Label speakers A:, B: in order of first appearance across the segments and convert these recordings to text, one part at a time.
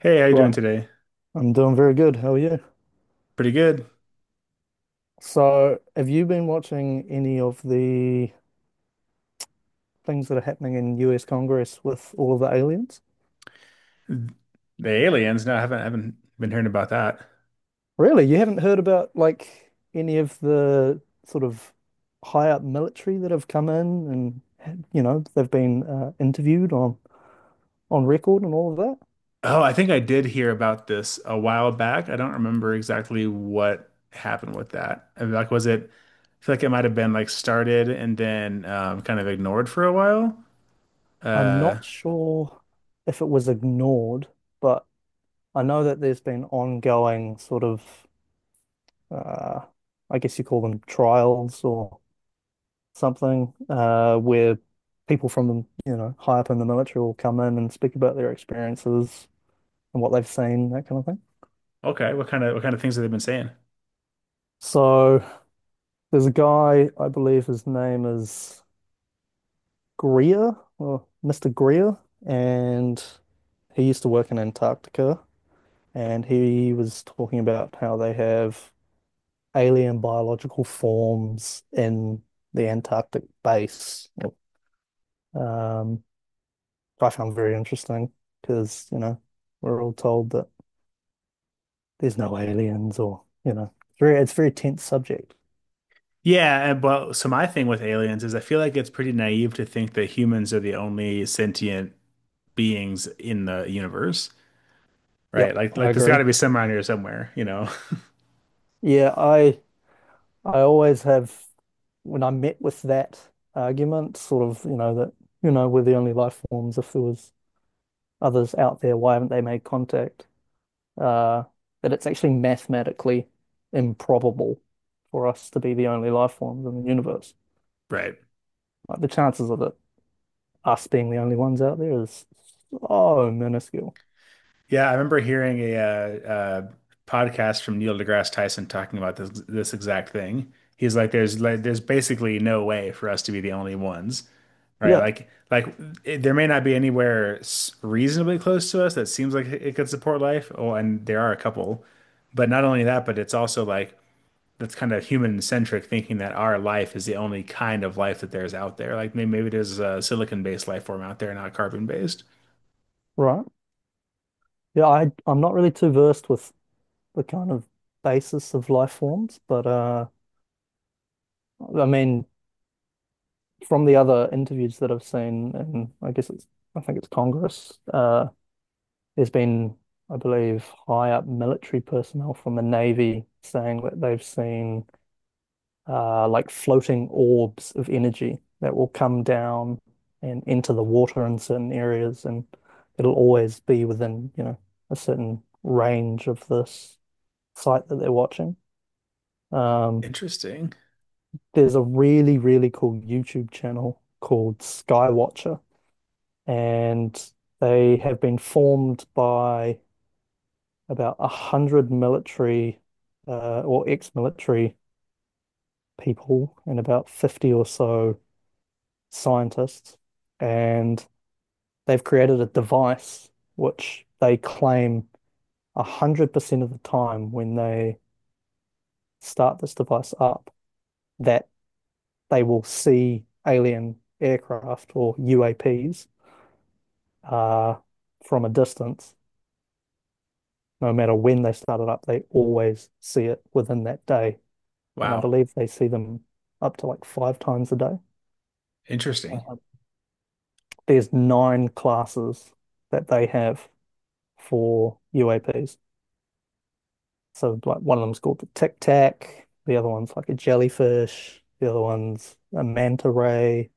A: Hey, how you doing
B: Right.
A: today?
B: I'm doing very good. How are you?
A: Pretty good.
B: So, have you been watching any of the things that are happening in US Congress with all of the aliens?
A: The aliens? No, I haven't been hearing about that.
B: Really? You haven't heard about like any of the sort of high up military that have come in and they've been interviewed on record and all of that?
A: Oh, I think I did hear about this a while back. I don't remember exactly what happened with that. I mean, like, was it? I feel like it might have been like started and then kind of ignored for a while.
B: I'm
A: Uh,
B: not sure if it was ignored, but I know that there's been ongoing sort of uh, I guess you call them trials or something where people from, high up in the military will come in and speak about their experiences and what they've seen, that kind of thing.
A: okay, what kind of things have they been saying?
B: So there's a guy, I believe his name is Greer or Mr. Greer, and he used to work in Antarctica and he was talking about how they have alien biological forms in the Antarctic base. Um, I found very interesting because, we're all told that there's no aliens or, it's a very tense subject.
A: Yeah, and well, so my thing with aliens is I feel like it's pretty naive to think that humans are the only sentient beings in the universe. Right.
B: Yep,
A: Like
B: I
A: like there's got
B: agree.
A: to be some around here somewhere, you know.
B: Yeah, I always have when I'm met with that argument, sort of, that, we're the only life forms. If there was others out there, why haven't they made contact? Uh, that it's actually mathematically improbable for us to be the only life forms in the universe.
A: Right.
B: Like the chances of it us being the only ones out there is so minuscule.
A: Yeah, I remember hearing a podcast from Neil deGrasse Tyson talking about this exact thing. He's like, there's basically no way for us to be the only ones, right?
B: Yeah,
A: It, there may not be anywhere reasonably close to us that seems like it could support life. Oh, and there are a couple, but not only that, but it's also like that's kind of human centric thinking that our life is the only kind of life that there's out there. Like maybe there's a silicon based life form out there, not carbon based.
B: right. Yeah, I'm not really too versed with the kind of basis of life forms, but I mean from the other interviews that I've seen and I guess it's I think it's Congress, there's been I believe high up military personnel from the Navy saying that they've seen like floating orbs of energy that will come down and enter the water in certain areas, and it'll always be within, a certain range of this site that they're watching. Um,
A: Interesting.
B: there's a really, really cool YouTube channel called Skywatcher, and they have been formed by about 100 military or ex-military people and about 50 or so scientists, and they've created a device which they claim 100% of the time when they start this device up that they will see alien aircraft or UAPs uh, from a distance. No matter when they start it up, they always see it within that day. And I
A: Wow.
B: believe they see them up to like five times a day.
A: Interesting.
B: Uh, there's nine classes that they have for UAPs. So like one of them's called the Tic Tac, the other one's like a jellyfish, the other one's a manta ray.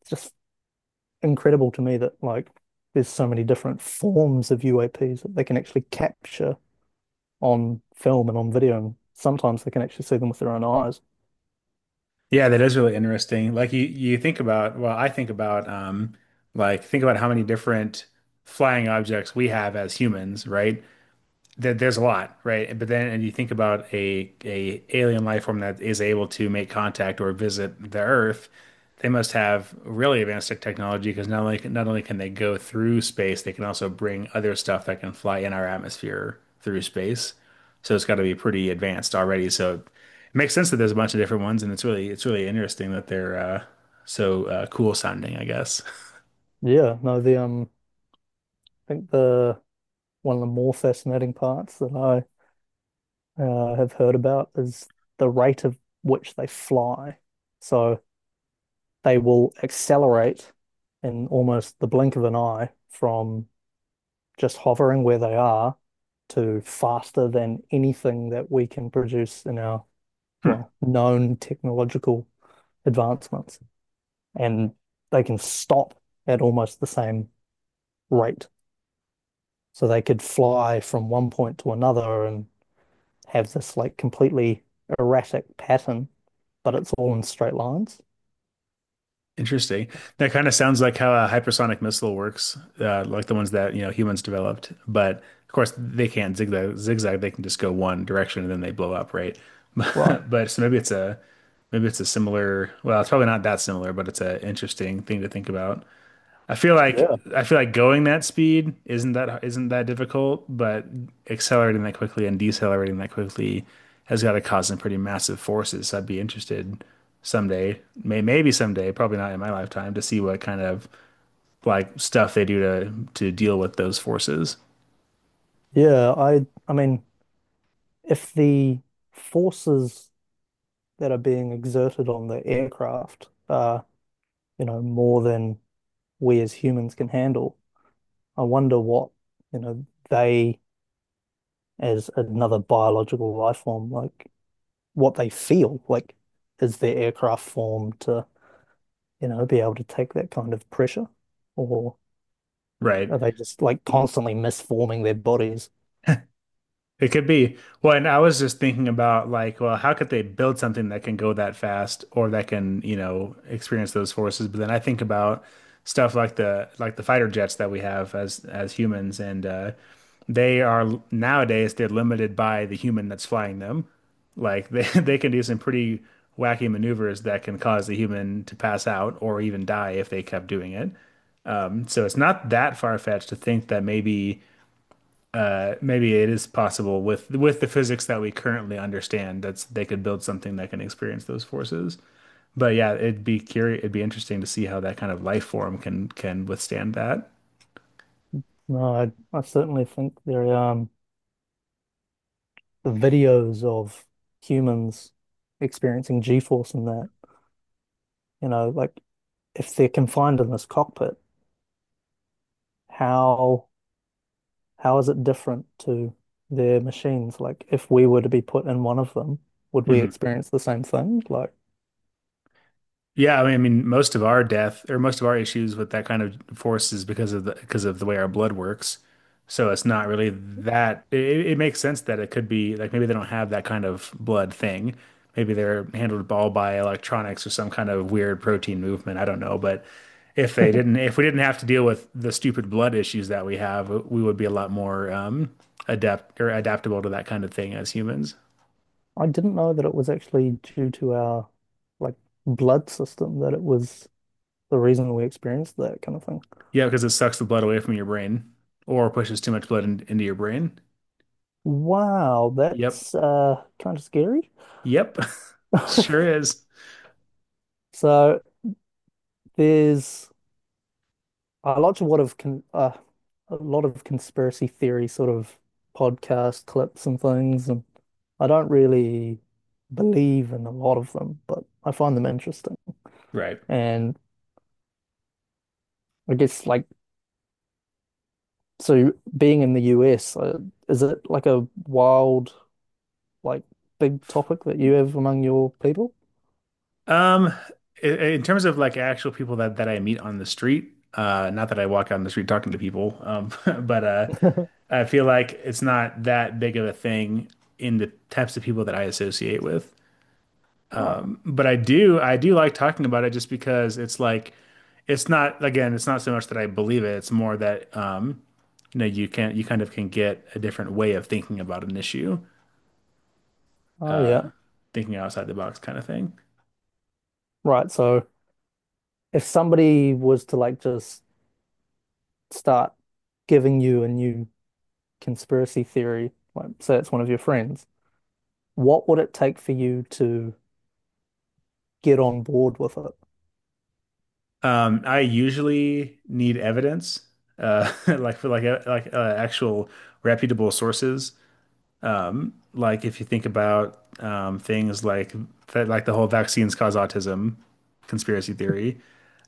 B: It's just incredible to me that like there's so many different forms of UAPs that they can actually capture on film and on video, and sometimes they can actually see them with their own eyes.
A: Yeah, that is really interesting. Like you think about, like think about how many different flying objects we have as humans, right? There's a lot, right? But then, and you think about a alien life form that is able to make contact or visit the Earth, they must have really advanced technology because not only can they go through space, they can also bring other stuff that can fly in our atmosphere through space. So it's got to be pretty advanced already. So it makes sense that there's a bunch of different ones, and it's really interesting that they're so cool sounding, I guess.
B: Yeah, no, the I think the one of the more fascinating parts that I have heard about is the rate of which they fly. So they will accelerate in almost the blink of an eye from just hovering where they are to faster than anything that we can produce in our, well, known technological advancements. And they can stop at almost the same rate. So they could fly from one point to another and have this like completely erratic pattern, but it's all in straight lines.
A: Interesting. That kind of sounds like how a hypersonic missile works, like the ones that, you know, humans developed. But of course, they can't zigzag. They can just go one direction and then they blow up, right?
B: Right.
A: But so maybe it's a similar. Well, it's probably not that similar, but it's an interesting thing to think about.
B: Yeah.
A: I feel like going that speed isn't that difficult, but accelerating that quickly and decelerating that quickly has got to cause some pretty massive forces. So I'd be interested someday, maybe someday, probably not in my lifetime, to see what kind of like stuff they do to deal with those forces.
B: Yeah, I mean, if the forces that are being exerted on the aircraft are, more than we as humans can handle, I wonder what, they as another biological life form, like what they feel. Like, is their aircraft formed to, be able to take that kind of pressure? Or
A: Right.
B: are they just like constantly misforming their bodies?
A: It could be. Well, and I was just thinking about like, well, how could they build something that can go that fast or that can, you know, experience those forces? But then I think about stuff like the fighter jets that we have as humans, and they are nowadays they're limited by the human that's flying them. Like they they can do some pretty wacky maneuvers that can cause the human to pass out or even die if they kept doing it. So it's not that far-fetched to think that maybe it is possible with the physics that we currently understand that's they could build something that can experience those forces. But yeah, it'd be interesting to see how that kind of life form can withstand that.
B: No, I certainly think they're the videos of humans experiencing G-force and that, like if they're confined in this cockpit, how how is it different to their machines? Like if we were to be put in one of them, would we
A: Hmm
B: experience the same thing? Like
A: Yeah, I mean, most of our death or most of our issues with that kind of force is because of the way our blood works. So it's not really that. It makes sense that it could be like maybe they don't have that kind of blood thing. Maybe they're handled all by electronics or some kind of weird protein movement. I don't know, but if we didn't have to deal with the stupid blood issues that we have, we would be a lot more adept or adaptable to that kind of thing as humans.
B: I didn't know that it was actually due to our like blood system that it was the reason we experienced that kind of thing.
A: Yeah, because it sucks the blood away from your brain or pushes too much blood into your brain.
B: Wow,
A: Yep.
B: that's kind of scary.
A: Yep. Sure is.
B: So there's I watch a lot of conspiracy theory sort of podcast clips and things, and I don't really believe in a lot of them, but I find them interesting.
A: Right.
B: And I guess like so, being in the US, is it like a wild, like big topic that you have among your people?
A: Um, in terms of like actual people that I meet on the street, not that I walk out on the street talking to people, but I feel like it's not that big of a thing in the types of people that I associate with.
B: Right.
A: But I do like talking about it just because it's like, it's not, again, it's not so much that I believe it. It's more that, you know, you kind of can get a different way of thinking about an issue,
B: Oh yeah.
A: thinking outside the box kind of thing.
B: Right. So if somebody was to like just start giving you a new conspiracy theory, like say it's one of your friends. What would it take for you to get on board with it?
A: I usually need evidence, like for like like actual reputable sources. Like if you think about things like that, like the whole vaccines cause autism conspiracy theory,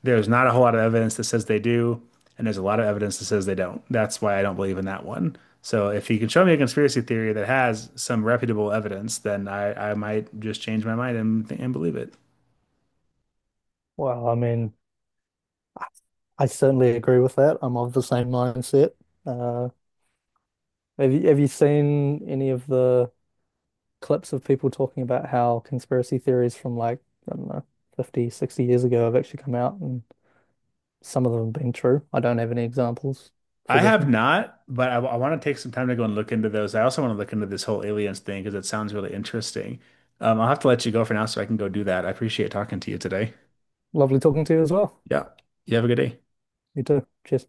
A: there's not a whole lot of evidence that says they do, and there's a lot of evidence that says they don't. That's why I don't believe in that one. So if you can show me a conspiracy theory that has some reputable evidence, then I might just change my mind and believe it.
B: Well, I mean, I I certainly agree with that. I'm of the same mindset. Uh, have you seen any of the clips of people talking about how conspiracy theories from like, I don't know, 50, 60 years ago have actually come out and some of them have been true. I don't have any examples.
A: I
B: Forgive
A: have
B: me.
A: not, but I want to take some time to go and look into those. I also want to look into this whole aliens thing because it sounds really interesting. I'll have to let you go for now so I can go do that. I appreciate talking to you today.
B: Lovely talking to you as well.
A: Yeah. You have a good day.
B: You too. Cheers.